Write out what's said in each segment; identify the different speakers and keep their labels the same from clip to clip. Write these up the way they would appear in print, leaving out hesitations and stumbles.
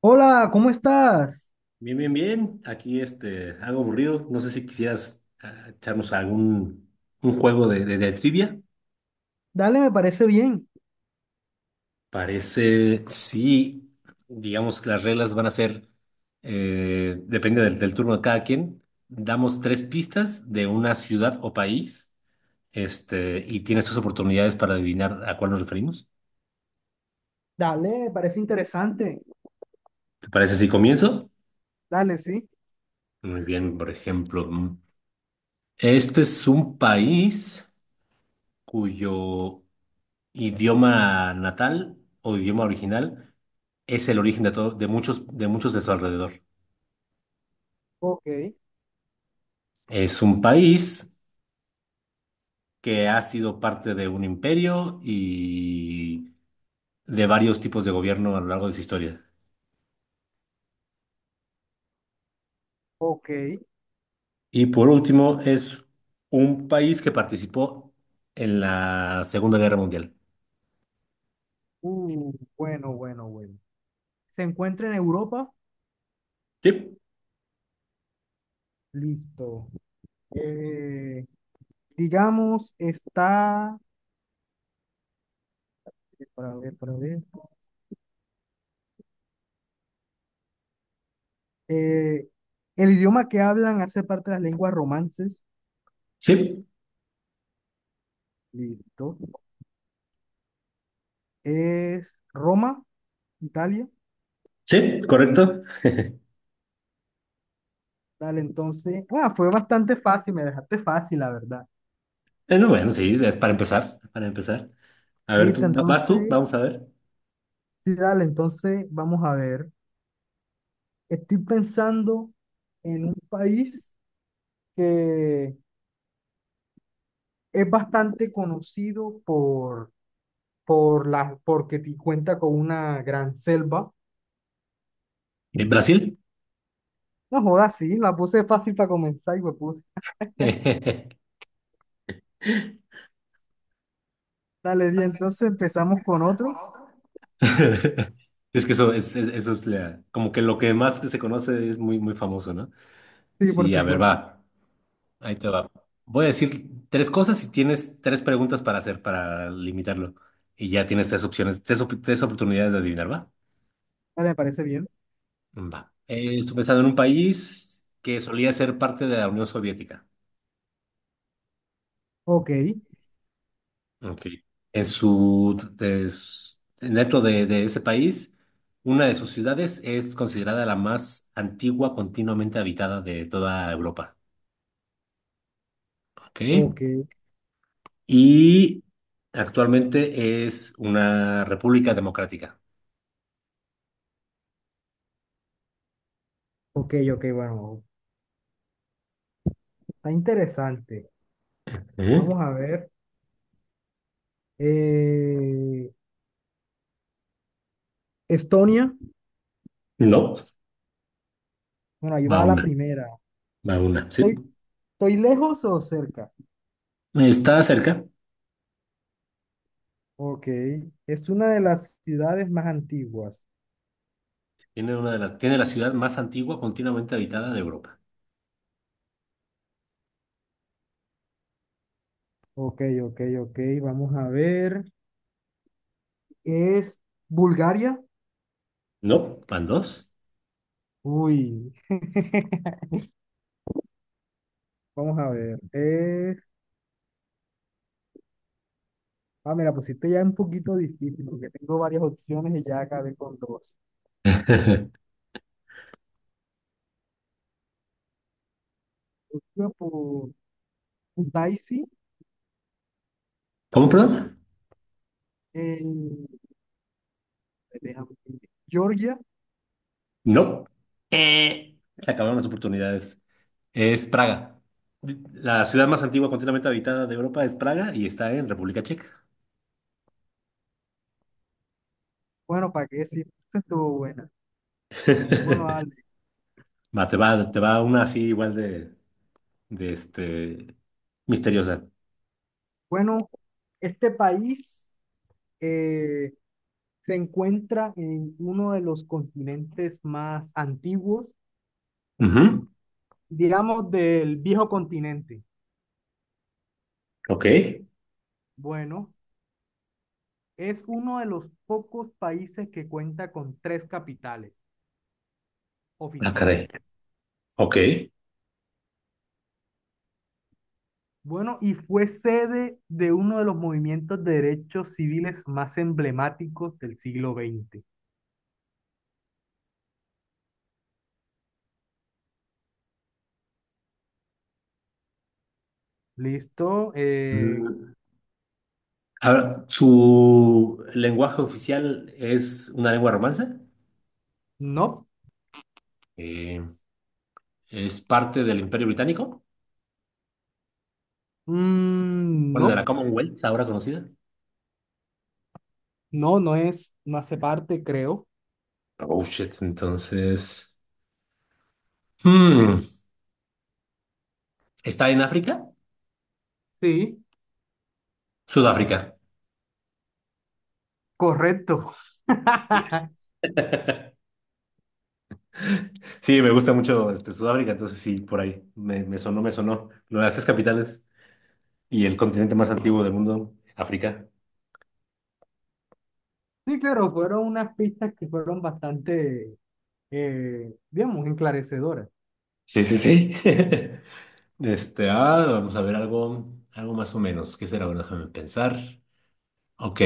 Speaker 1: Hola, ¿cómo estás?
Speaker 2: Bien, bien, bien. Aquí algo aburrido. No sé si quisieras echarnos algún un juego de trivia.
Speaker 1: Dale, me parece bien.
Speaker 2: Parece, sí, digamos que las reglas van a ser, depende del turno de cada quien. Damos tres pistas de una ciudad o país, y tienes tus oportunidades para adivinar a cuál nos referimos.
Speaker 1: Dale, me parece interesante.
Speaker 2: ¿Te parece si comienzo?
Speaker 1: Dale, sí.
Speaker 2: Muy bien, por ejemplo, este es un país cuyo idioma natal o idioma original es el origen de muchos de su alrededor.
Speaker 1: Ok,
Speaker 2: Es un país que ha sido parte de un imperio y de varios tipos de gobierno a lo largo de su historia.
Speaker 1: ok.
Speaker 2: Y por último, es un país que participó en la Segunda Guerra Mundial.
Speaker 1: Bueno, bueno, bueno. ¿Se encuentra en Europa?
Speaker 2: Sí,
Speaker 1: Listo. Eh, digamos, está... Para ver, para ver. Eh, el idioma que hablan hace parte de las lenguas romances.
Speaker 2: sí,
Speaker 1: Listo. Es Roma, Italia.
Speaker 2: sí, correcto.
Speaker 1: Dale, entonces. Fue bastante fácil, me dejaste fácil, la verdad.
Speaker 2: No, bueno, sí, es para empezar, para empezar. A ver,
Speaker 1: Listo,
Speaker 2: tú, ¿vas tú?
Speaker 1: entonces.
Speaker 2: Vamos a ver.
Speaker 1: Sí, dale, entonces vamos a ver. Estoy pensando en un país que es bastante conocido por la, porque ti- cuenta con una gran selva.
Speaker 2: ¿Brasil?
Speaker 1: No jodas, sí, la puse fácil para comenzar y pues puse.
Speaker 2: Sí,
Speaker 1: Dale, bien, entonces empezamos con otro.
Speaker 2: Es que eso eso es como que lo que más que se conoce es muy, muy famoso, ¿no?
Speaker 1: Sí, por
Speaker 2: Sí, a ver,
Speaker 1: supuesto.
Speaker 2: va. Ahí te va. Voy a decir tres cosas y tienes tres preguntas para hacer, para limitarlo. Y ya tienes tres opciones, tres oportunidades de adivinar, ¿va?
Speaker 1: Dale, me parece bien.
Speaker 2: Va. Estoy pensando en un país que solía ser parte de la Unión Soviética.
Speaker 1: Ok,
Speaker 2: Ok. En su dentro de ese país, una de sus ciudades es considerada la más antigua continuamente habitada de toda Europa. Ok.
Speaker 1: ok,
Speaker 2: Y actualmente es una república democrática.
Speaker 1: ok, ok, bueno, está interesante.
Speaker 2: ¿Eh?
Speaker 1: Vamos a ver. Eh, Estonia,
Speaker 2: No,
Speaker 1: bueno, ahí
Speaker 2: va
Speaker 1: va la
Speaker 2: una,
Speaker 1: primera.
Speaker 2: va una, sí.
Speaker 1: ¿Estoy lejos o cerca?
Speaker 2: Está cerca.
Speaker 1: Ok, es una de las ciudades más antiguas.
Speaker 2: Tiene una de las, tiene la ciudad más antigua continuamente habitada de Europa.
Speaker 1: Ok, ok, ok, vamos a ver. ¿Es Bulgaria?
Speaker 2: No, van dos.
Speaker 1: Uy, vamos a ver. Es... Me la pusiste ya un poquito difícil porque tengo varias opciones y ya acabé con dos. Iba por Daisy,
Speaker 2: ¿Cómo, perdón?
Speaker 1: en... déjame ver, Georgia.
Speaker 2: No, se acabaron las oportunidades. Es Praga. La ciudad más antigua continuamente habitada de Europa es Praga y está en República Checa.
Speaker 1: Bueno, ¿para qué decir? Esta estuvo buena. Bueno, dale.
Speaker 2: Va, te va, te va una así igual de misteriosa.
Speaker 1: Bueno, este país... eh, se encuentra en uno de los continentes más antiguos,
Speaker 2: Ujú.
Speaker 1: digamos del viejo continente.
Speaker 2: Ok.
Speaker 1: Bueno, es uno de los pocos países que cuenta con tres capitales
Speaker 2: Ah, caray.
Speaker 1: oficiales.
Speaker 2: Ok.
Speaker 1: Bueno, y fue sede de uno de los movimientos de derechos civiles más emblemáticos del siglo XX. ¿Listo?
Speaker 2: Mm, ahora, ¿su lenguaje oficial es una lengua romance?
Speaker 1: No.
Speaker 2: Eh, ¿Es parte del Imperio Británico?
Speaker 1: Mm,
Speaker 2: Bueno, de la
Speaker 1: no,
Speaker 2: Commonwealth, ahora conocida.
Speaker 1: no, no es, no hace parte, creo.
Speaker 2: Oh, shit, entonces. Hmm, ¿Está en África?
Speaker 1: Sí,
Speaker 2: Sudáfrica.
Speaker 1: correcto.
Speaker 2: Sí, me gusta mucho Sudáfrica, entonces sí, por ahí me, me sonó, me sonó. Lo de las tres capitales y el continente más antiguo del mundo, África.
Speaker 1: Sí, claro, fueron unas pistas que fueron bastante, digamos, enclarecedoras.
Speaker 2: Sí, sí, sí. Vamos a ver algo, algo más o menos. ¿Qué será? Bueno, déjame pensar. Ok.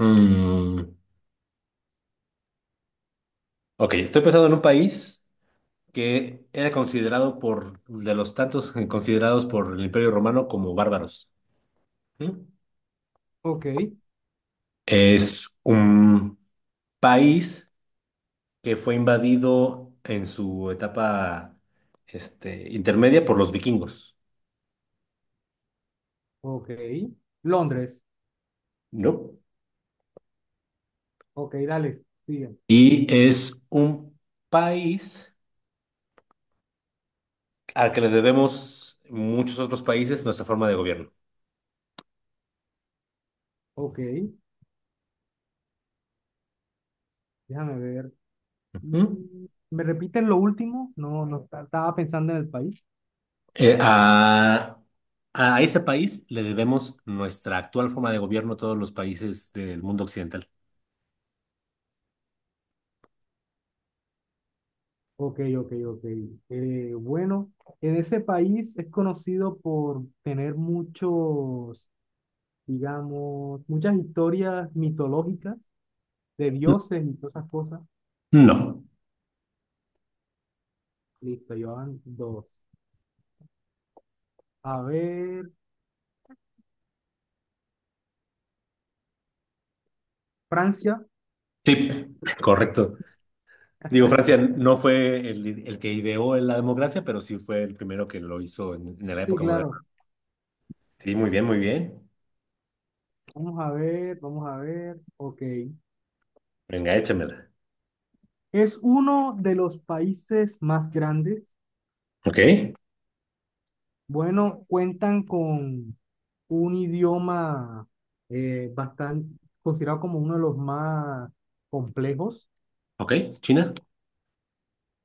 Speaker 2: mm, ok, estoy pensando en un país que era considerado de los tantos considerados por el Imperio Romano como bárbaros. ¿Mm?
Speaker 1: Ok,
Speaker 2: Es un país que fue invadido en su etapa intermedia por los vikingos,
Speaker 1: ok. Londres.
Speaker 2: ¿no?
Speaker 1: Ok, dale, sigue.
Speaker 2: Y es un país al que le debemos muchos otros países nuestra forma de gobierno.
Speaker 1: Ok, déjame ver.
Speaker 2: Ujú.
Speaker 1: Mm, ¿me repiten lo último? No, no, estaba pensando en el país.
Speaker 2: Eh, a, a ese país le debemos nuestra actual forma de gobierno a todos los países del mundo occidental.
Speaker 1: Ok, ok, ok. Bueno, en ese país es conocido por tener muchos, digamos, muchas historias mitológicas de dioses y todas esas cosas.
Speaker 2: No.
Speaker 1: Listo, llevan dos. A ver, Francia,
Speaker 2: Sí, correcto. Digo, Francia no fue el que ideó la democracia, pero sí fue el primero que lo hizo en la
Speaker 1: sí,
Speaker 2: época moderna.
Speaker 1: claro.
Speaker 2: Sí, muy bien, muy bien.
Speaker 1: Vamos a ver, vamos a ver. Ok.
Speaker 2: Venga, échamela.
Speaker 1: Es uno de los países más grandes.
Speaker 2: Ok,
Speaker 1: Bueno, cuentan con un idioma bastante considerado como uno de los más complejos.
Speaker 2: ¿ok? ¿China?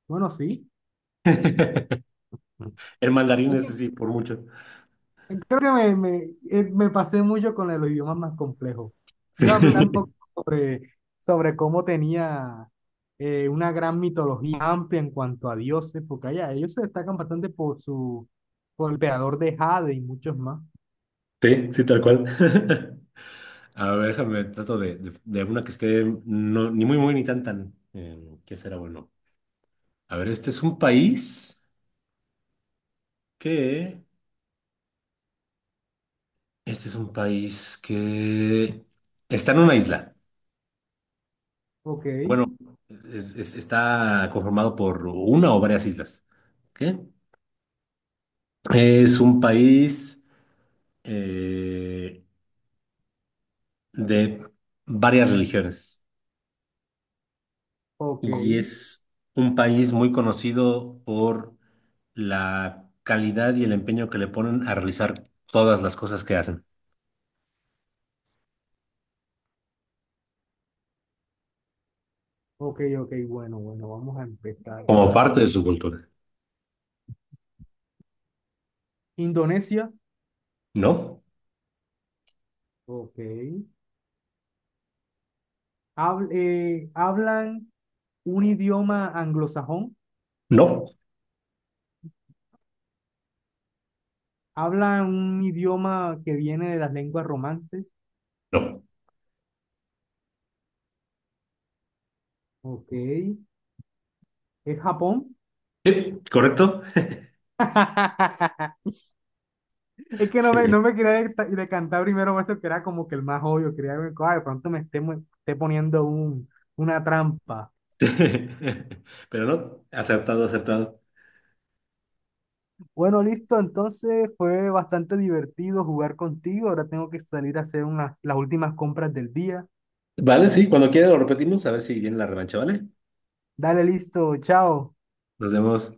Speaker 1: Bueno, sí.
Speaker 2: El mandarín
Speaker 1: Hay que
Speaker 2: ese sí, por mucho.
Speaker 1: creo que me pasé mucho con los idiomas más complejos.
Speaker 2: Sí,
Speaker 1: Iba a hablar un poco sobre cómo tenía una gran mitología amplia en cuanto a dioses, porque allá ellos se destacan bastante por su, por el creador de Jade y muchos más.
Speaker 2: sí, sí, tal cual. A ver, déjame, trato de una que esté no, ni muy, muy, ni tan, tan. ¿Qué será bueno? A ver, este es un país que... Este es un país que está en una isla.
Speaker 1: Ok,
Speaker 2: Bueno, está conformado por una o varias islas. ¿Qué? Es un país... eh, de varias religiones
Speaker 1: ok,
Speaker 2: y es un país muy conocido por la calidad y el empeño que le ponen a realizar todas las cosas que hacen
Speaker 1: ok, ok, bueno, bueno, vamos a empezar.
Speaker 2: como
Speaker 1: Vamos a...
Speaker 2: parte de
Speaker 1: empezar.
Speaker 2: su cultura.
Speaker 1: Indonesia,
Speaker 2: ¿No?
Speaker 1: ok. Hablan un idioma anglosajón.
Speaker 2: No,
Speaker 1: Habla un idioma que viene de las lenguas romances.
Speaker 2: no.
Speaker 1: Ok. ¿Es Japón?
Speaker 2: ¿Correcto?
Speaker 1: Es que
Speaker 2: Sí.
Speaker 1: no me quería decantar primero por eso que era como que el más obvio. Quería ver, "Ay, de pronto me esté, esté poniendo un, una trampa".
Speaker 2: Pero no, acertado, acertado.
Speaker 1: Bueno, listo. Entonces fue bastante divertido jugar contigo. Ahora tengo que salir a hacer unas, las últimas compras del día.
Speaker 2: Vale, sí, cuando quiera lo repetimos, a ver si viene la revancha, ¿vale?
Speaker 1: Dale, listo. Chao.
Speaker 2: Nos vemos.